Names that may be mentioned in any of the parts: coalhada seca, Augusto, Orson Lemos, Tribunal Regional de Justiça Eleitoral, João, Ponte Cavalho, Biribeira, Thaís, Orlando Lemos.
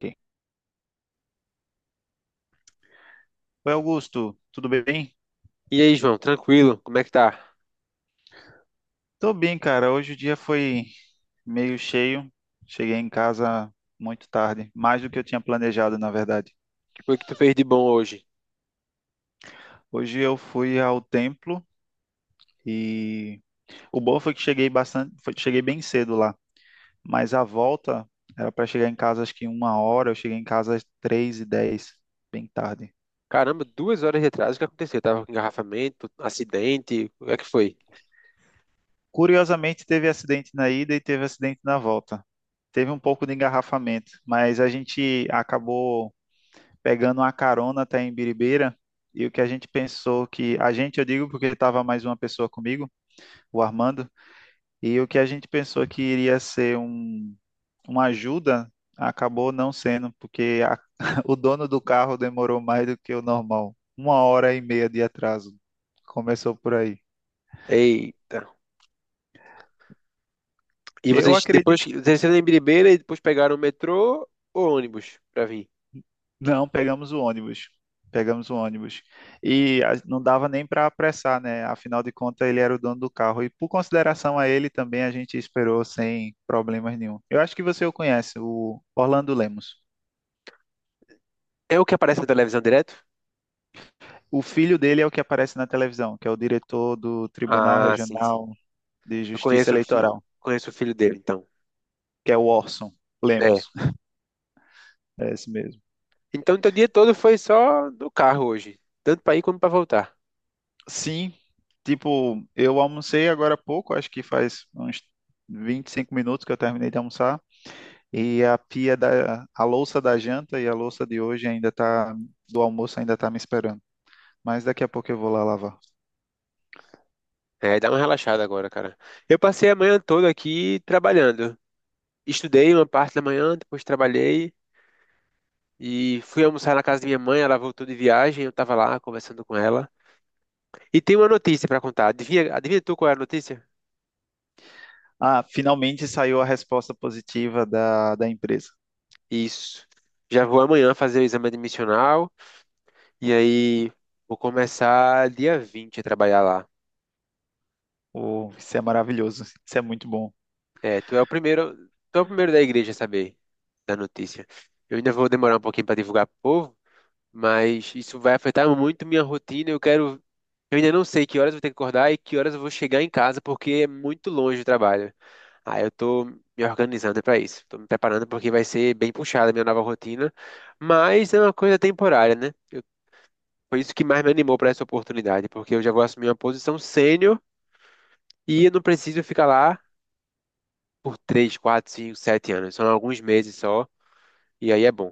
Ok. Oi, Augusto, tudo bem? E aí, João, tranquilo? Como é que tá? Tô bem, cara. Hoje o dia foi meio cheio. Cheguei em casa muito tarde, mais do que eu tinha planejado, na verdade. O que foi que tu fez de bom hoje? Hoje eu fui ao templo e o bom foi que cheguei bastante, cheguei bem cedo lá. Mas a volta era para chegar em casa acho que uma hora. Eu cheguei em casa às 3:10, bem tarde. Caramba, duas horas de atraso, o que aconteceu? Tava com engarrafamento, acidente, o que é que foi? Curiosamente, teve acidente na ida e teve acidente na volta. Teve um pouco de engarrafamento, mas a gente acabou pegando uma carona até em Biribeira. E o que a gente pensou que. A gente, eu digo porque estava mais uma pessoa comigo, o Armando, e o que a gente pensou que iria ser uma ajuda, acabou não sendo, porque a- o dono do carro demorou mais do que o normal. 1 hora e meia de atraso. Começou por aí. Eita. E Eu vocês depois acredito. desceram em Biribeira e depois pegaram o metrô ou ônibus pra vir? Não, pegamos o ônibus. Pegamos o ônibus. Não dava nem para apressar, né? Afinal de contas, ele era o dono do carro. E por consideração a ele também, a gente esperou sem problemas nenhum. Eu acho que você o conhece, o Orlando Lemos. É o que aparece na televisão direto? O filho dele é o que aparece na televisão, que é o diretor do Tribunal Ah, sim, sim. Regional de Eu Justiça conheço, Eleitoral, conheço o filho dele, então. que é o Orson É. Lemos. É esse mesmo. Então, teu dia todo foi só no carro hoje, tanto pra ir como pra voltar. Sim, tipo, eu almocei agora há pouco, acho que faz uns 25 minutos que eu terminei de almoçar. E a a louça da janta e a louça de hoje ainda tá, do almoço ainda tá me esperando. Mas daqui a pouco eu vou lá lavar. É, dá uma relaxada agora, cara. Eu passei a manhã toda aqui trabalhando. Estudei uma parte da manhã, depois trabalhei e fui almoçar na casa da minha mãe. Ela voltou de viagem, eu estava lá conversando com ela. E tem uma notícia para contar. Adivinha, adivinha tu qual é a notícia? Ah, finalmente saiu a resposta positiva da empresa. Isso. Já vou amanhã fazer o exame admissional e aí vou começar dia 20 a trabalhar lá. Oh, isso é maravilhoso, isso é muito bom. É, tu é o primeiro, tu é o primeiro da igreja a saber da notícia. Eu ainda vou demorar um pouquinho para divulgar pro povo, mas isso vai afetar muito minha rotina. Eu quero. Eu ainda não sei que horas eu vou ter que acordar e que horas eu vou chegar em casa, porque é muito longe o trabalho. Aí eu tô me organizando para isso. Tô me preparando porque vai ser bem puxada a minha nova rotina. Mas é uma coisa temporária, né? Foi isso que mais me animou para essa oportunidade, porque eu já vou assumir uma posição sênior e eu não preciso ficar lá por 3, 4, 5, 7 anos. São alguns meses só, e aí é bom.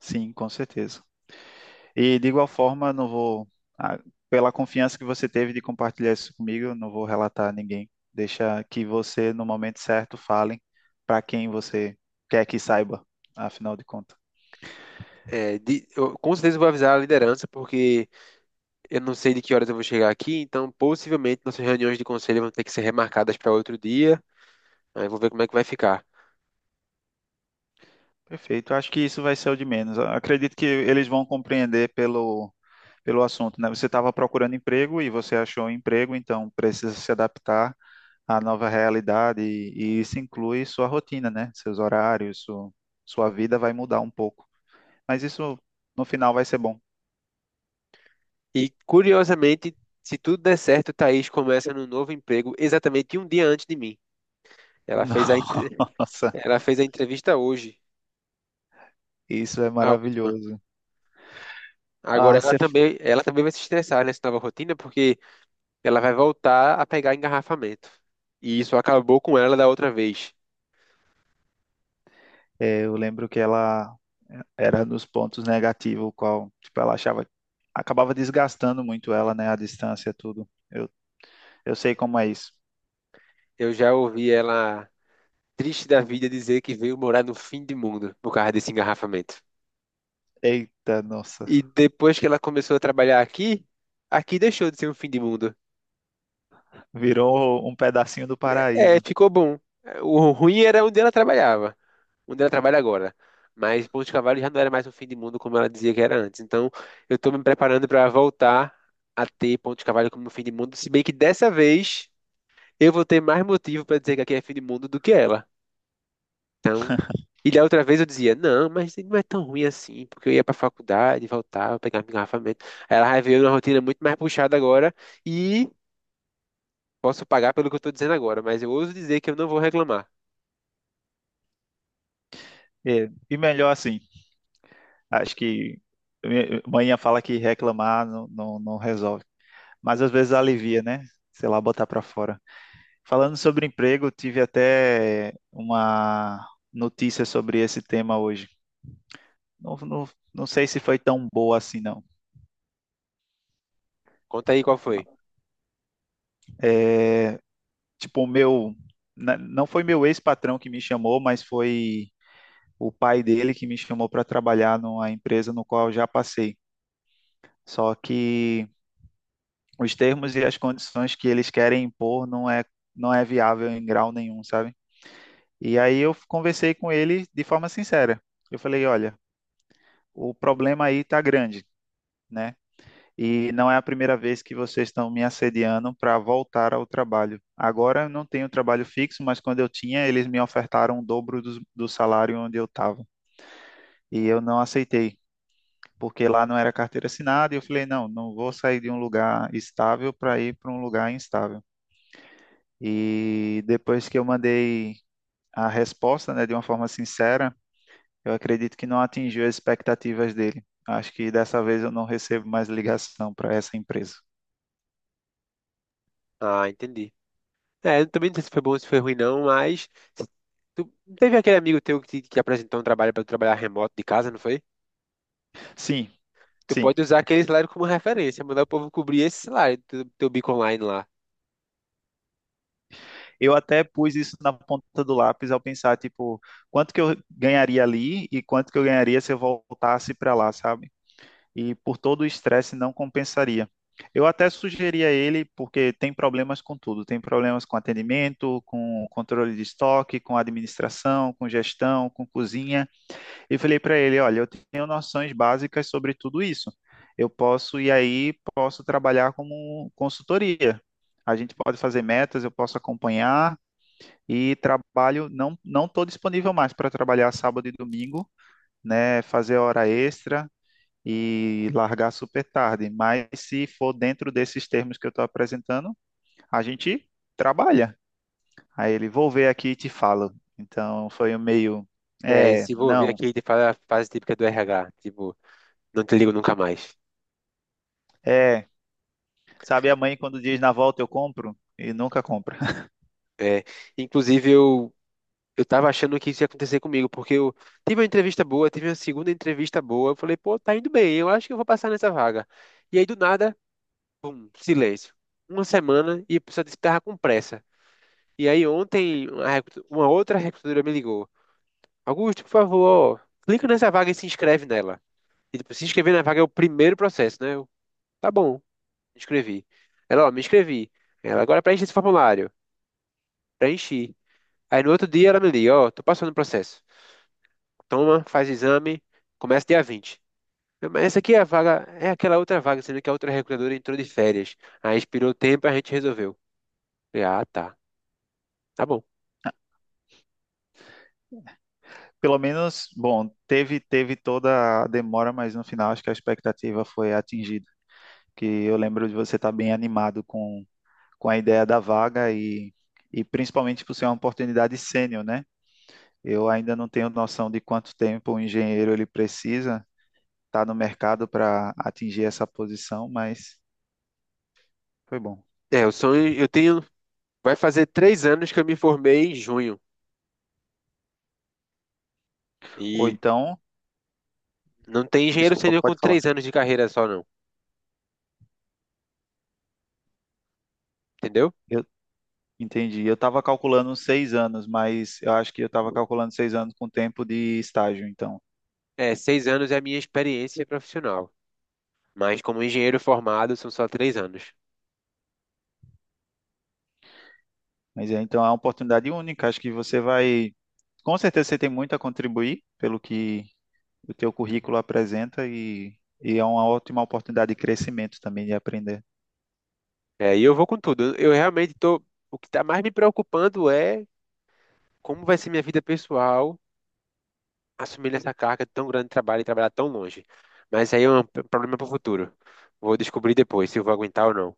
Sim, com certeza. E de igual forma, não vou, ah, pela confiança que você teve de compartilhar isso comigo, eu não vou relatar a ninguém. Deixa que você, no momento certo, fale para quem você quer que saiba, afinal de contas. É, eu, com certeza eu vou avisar a liderança, porque. Eu não sei de que horas eu vou chegar aqui, então possivelmente nossas reuniões de conselho vão ter que ser remarcadas para outro dia. Aí vou ver como é que vai ficar. Perfeito. Acho que isso vai ser o de menos. Acredito que eles vão compreender pelo assunto, né? Você estava procurando emprego e você achou um emprego, então precisa se adaptar à nova realidade e isso inclui sua rotina, né? Seus horários, sua vida vai mudar um pouco. Mas isso no final vai ser bom. E curiosamente, se tudo der certo, Thaís começa no novo emprego exatamente um dia antes de mim. Ela fez a, entre- Nossa, Ela fez a entrevista hoje, isso é a última. maravilhoso. Agora Ah, ela também vai se estressar nessa nova rotina porque ela vai voltar a pegar engarrafamento. E isso acabou com ela da outra vez. é, eu lembro que ela era dos pontos negativos, qual, tipo, ela achava, acabava desgastando muito ela, né, a distância, tudo. Eu sei como é isso. Eu já ouvi ela triste da vida dizer que veio morar no fim do mundo por causa desse engarrafamento. Eita, nossa, E depois que ela começou a trabalhar aqui, aqui deixou de ser um fim de mundo. virou um pedacinho do É, paraíso. ficou bom. O ruim era onde ela trabalhava, onde ela trabalha agora. Mas Ponte Cavalho já não era mais um fim de mundo como ela dizia que era antes. Então, eu estou me preparando para voltar a ter Ponte Cavalho como um fim de mundo, se bem que dessa vez eu vou ter mais motivo para dizer que aqui é fim de mundo do que ela. Então, e da outra vez eu dizia, não, mas não é tão ruim assim, porque eu ia para a faculdade, voltava, pegava engarrafamento. Aí ela vai ver uma rotina muito mais puxada agora. E posso pagar pelo que eu tô dizendo agora, mas eu ouso dizer que eu não vou reclamar. É, e melhor assim, acho que manhã fala que reclamar não, não, não resolve, mas às vezes alivia, né? Sei lá, botar pra fora. Falando sobre emprego, tive até uma notícia sobre esse tema hoje. Não, não, não sei se foi tão boa assim, não. Conta aí qual foi. É, tipo, Não foi meu ex-patrão que me chamou, mas foi o pai dele que me chamou para trabalhar numa empresa no qual eu já passei. Só que os termos e as condições que eles querem impor não é viável em grau nenhum, sabe? E aí eu conversei com ele de forma sincera. Eu falei, olha, o problema aí tá grande, né? E não é a primeira vez que vocês estão me assediando para voltar ao trabalho. Agora eu não tenho trabalho fixo, mas quando eu tinha, eles me ofertaram o dobro do salário onde eu estava. E eu não aceitei, porque lá não era carteira assinada. E eu falei: não, não vou sair de um lugar estável para ir para um lugar instável. E depois que eu mandei a resposta, né, de uma forma sincera, eu acredito que não atingiu as expectativas dele. Acho que dessa vez eu não recebo mais ligação para essa empresa. Ah, entendi. É, eu também não sei se foi bom ou se foi ruim, não, mas. Tu não teve aquele amigo teu que apresentou um trabalho para trabalhar remoto de casa, não foi? Sim, Tu sim. pode usar aquele salário como referência, mandar o povo cobrir esse salário do teu bico online lá. Eu até pus isso na ponta do lápis ao pensar, tipo, quanto que eu ganharia ali e quanto que eu ganharia se eu voltasse para lá, sabe? E por todo o estresse não compensaria. Eu até sugeri a ele, porque tem problemas com tudo, tem problemas com atendimento, com controle de estoque, com administração, com gestão, com cozinha. E falei para ele, olha, eu tenho noções básicas sobre tudo isso. Eu posso e aí posso trabalhar como consultoria. A gente pode fazer metas, eu posso acompanhar e trabalho, não estou disponível mais para trabalhar sábado e domingo, né? Fazer hora extra e largar super tarde. Mas se for dentro desses termos que eu estou apresentando, a gente trabalha. Aí ele, vou ver aqui e te falo. Então foi um meio, É, e é, se envolver não, aqui de fase típica do RH, tipo, não te ligo nunca mais. é. Sabe a mãe quando diz na volta eu compro? E nunca compra. É, inclusive, eu tava achando que isso ia acontecer comigo, porque eu tive uma entrevista boa, tive uma segunda entrevista boa. Eu falei, pô, tá indo bem, eu acho que eu vou passar nessa vaga. E aí, do nada, pum, silêncio. Uma semana e a pessoa disse que tava com pressa. E aí, ontem, uma outra recrutadora me ligou: Augusto, por favor, clica nessa vaga e se inscreve nela. E tipo, se inscrever na vaga é o primeiro processo, né? Eu, tá bom, me inscrevi. Ela, ó, me inscrevi. Ela, agora preenche esse formulário. Preenchi. Aí, no outro dia, ela me liga: ó, tô passando o processo. Toma, faz exame, começa dia 20. Eu, mas essa aqui é a vaga, é aquela outra vaga, sendo que a outra recrutadora entrou de férias. Aí expirou o tempo, a gente resolveu. Falei, ah, tá, tá bom. Pelo menos, bom, teve toda a demora, mas no final acho que a expectativa foi atingida. Que eu lembro de você estar bem animado com a ideia da vaga e principalmente por ser uma oportunidade sênior, né? Eu ainda não tenho noção de quanto tempo um engenheiro ele precisa estar no mercado para atingir essa posição, mas foi bom. É, o sonho, eu tenho, vai fazer 3 anos que eu me formei em junho. Ou E então, não tem engenheiro desculpa, sênior com pode três falar. anos de carreira só, não, entendeu? Eu entendi. Eu estava calculando uns 6 anos, mas eu acho que eu estava calculando 6 anos com tempo de estágio, então. É, 6 anos é a minha experiência profissional. Mas como engenheiro formado, são só 3 anos. Mas é, então é uma oportunidade única. Acho que você vai, com certeza você tem muito a contribuir pelo que o teu currículo apresenta e é uma ótima oportunidade de crescimento também, de aprender. É, e eu vou com tudo. Eu realmente tô. O que tá mais me preocupando é como vai ser minha vida pessoal assumindo essa carga tão grande de trabalho e trabalhar tão longe. Mas aí é um problema para o futuro. Vou descobrir depois se eu vou aguentar ou não.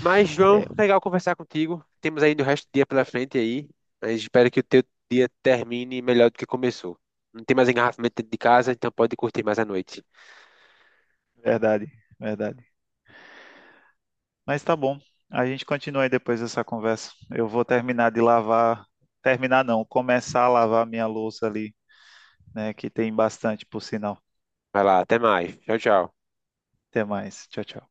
Mas, É João, legal conversar contigo. Temos ainda o resto do dia pela frente aí. Mas espero que o teu dia termine melhor do que começou. Não tem mais engarrafamento dentro de casa, então pode curtir mais a noite. verdade, verdade. Mas tá bom, a gente continua aí depois dessa conversa. Eu vou terminar de lavar, terminar não, começar a lavar minha louça ali, né, que tem bastante, por sinal. Vai lá, até mais. Tchau, tchau. Até mais, tchau, tchau.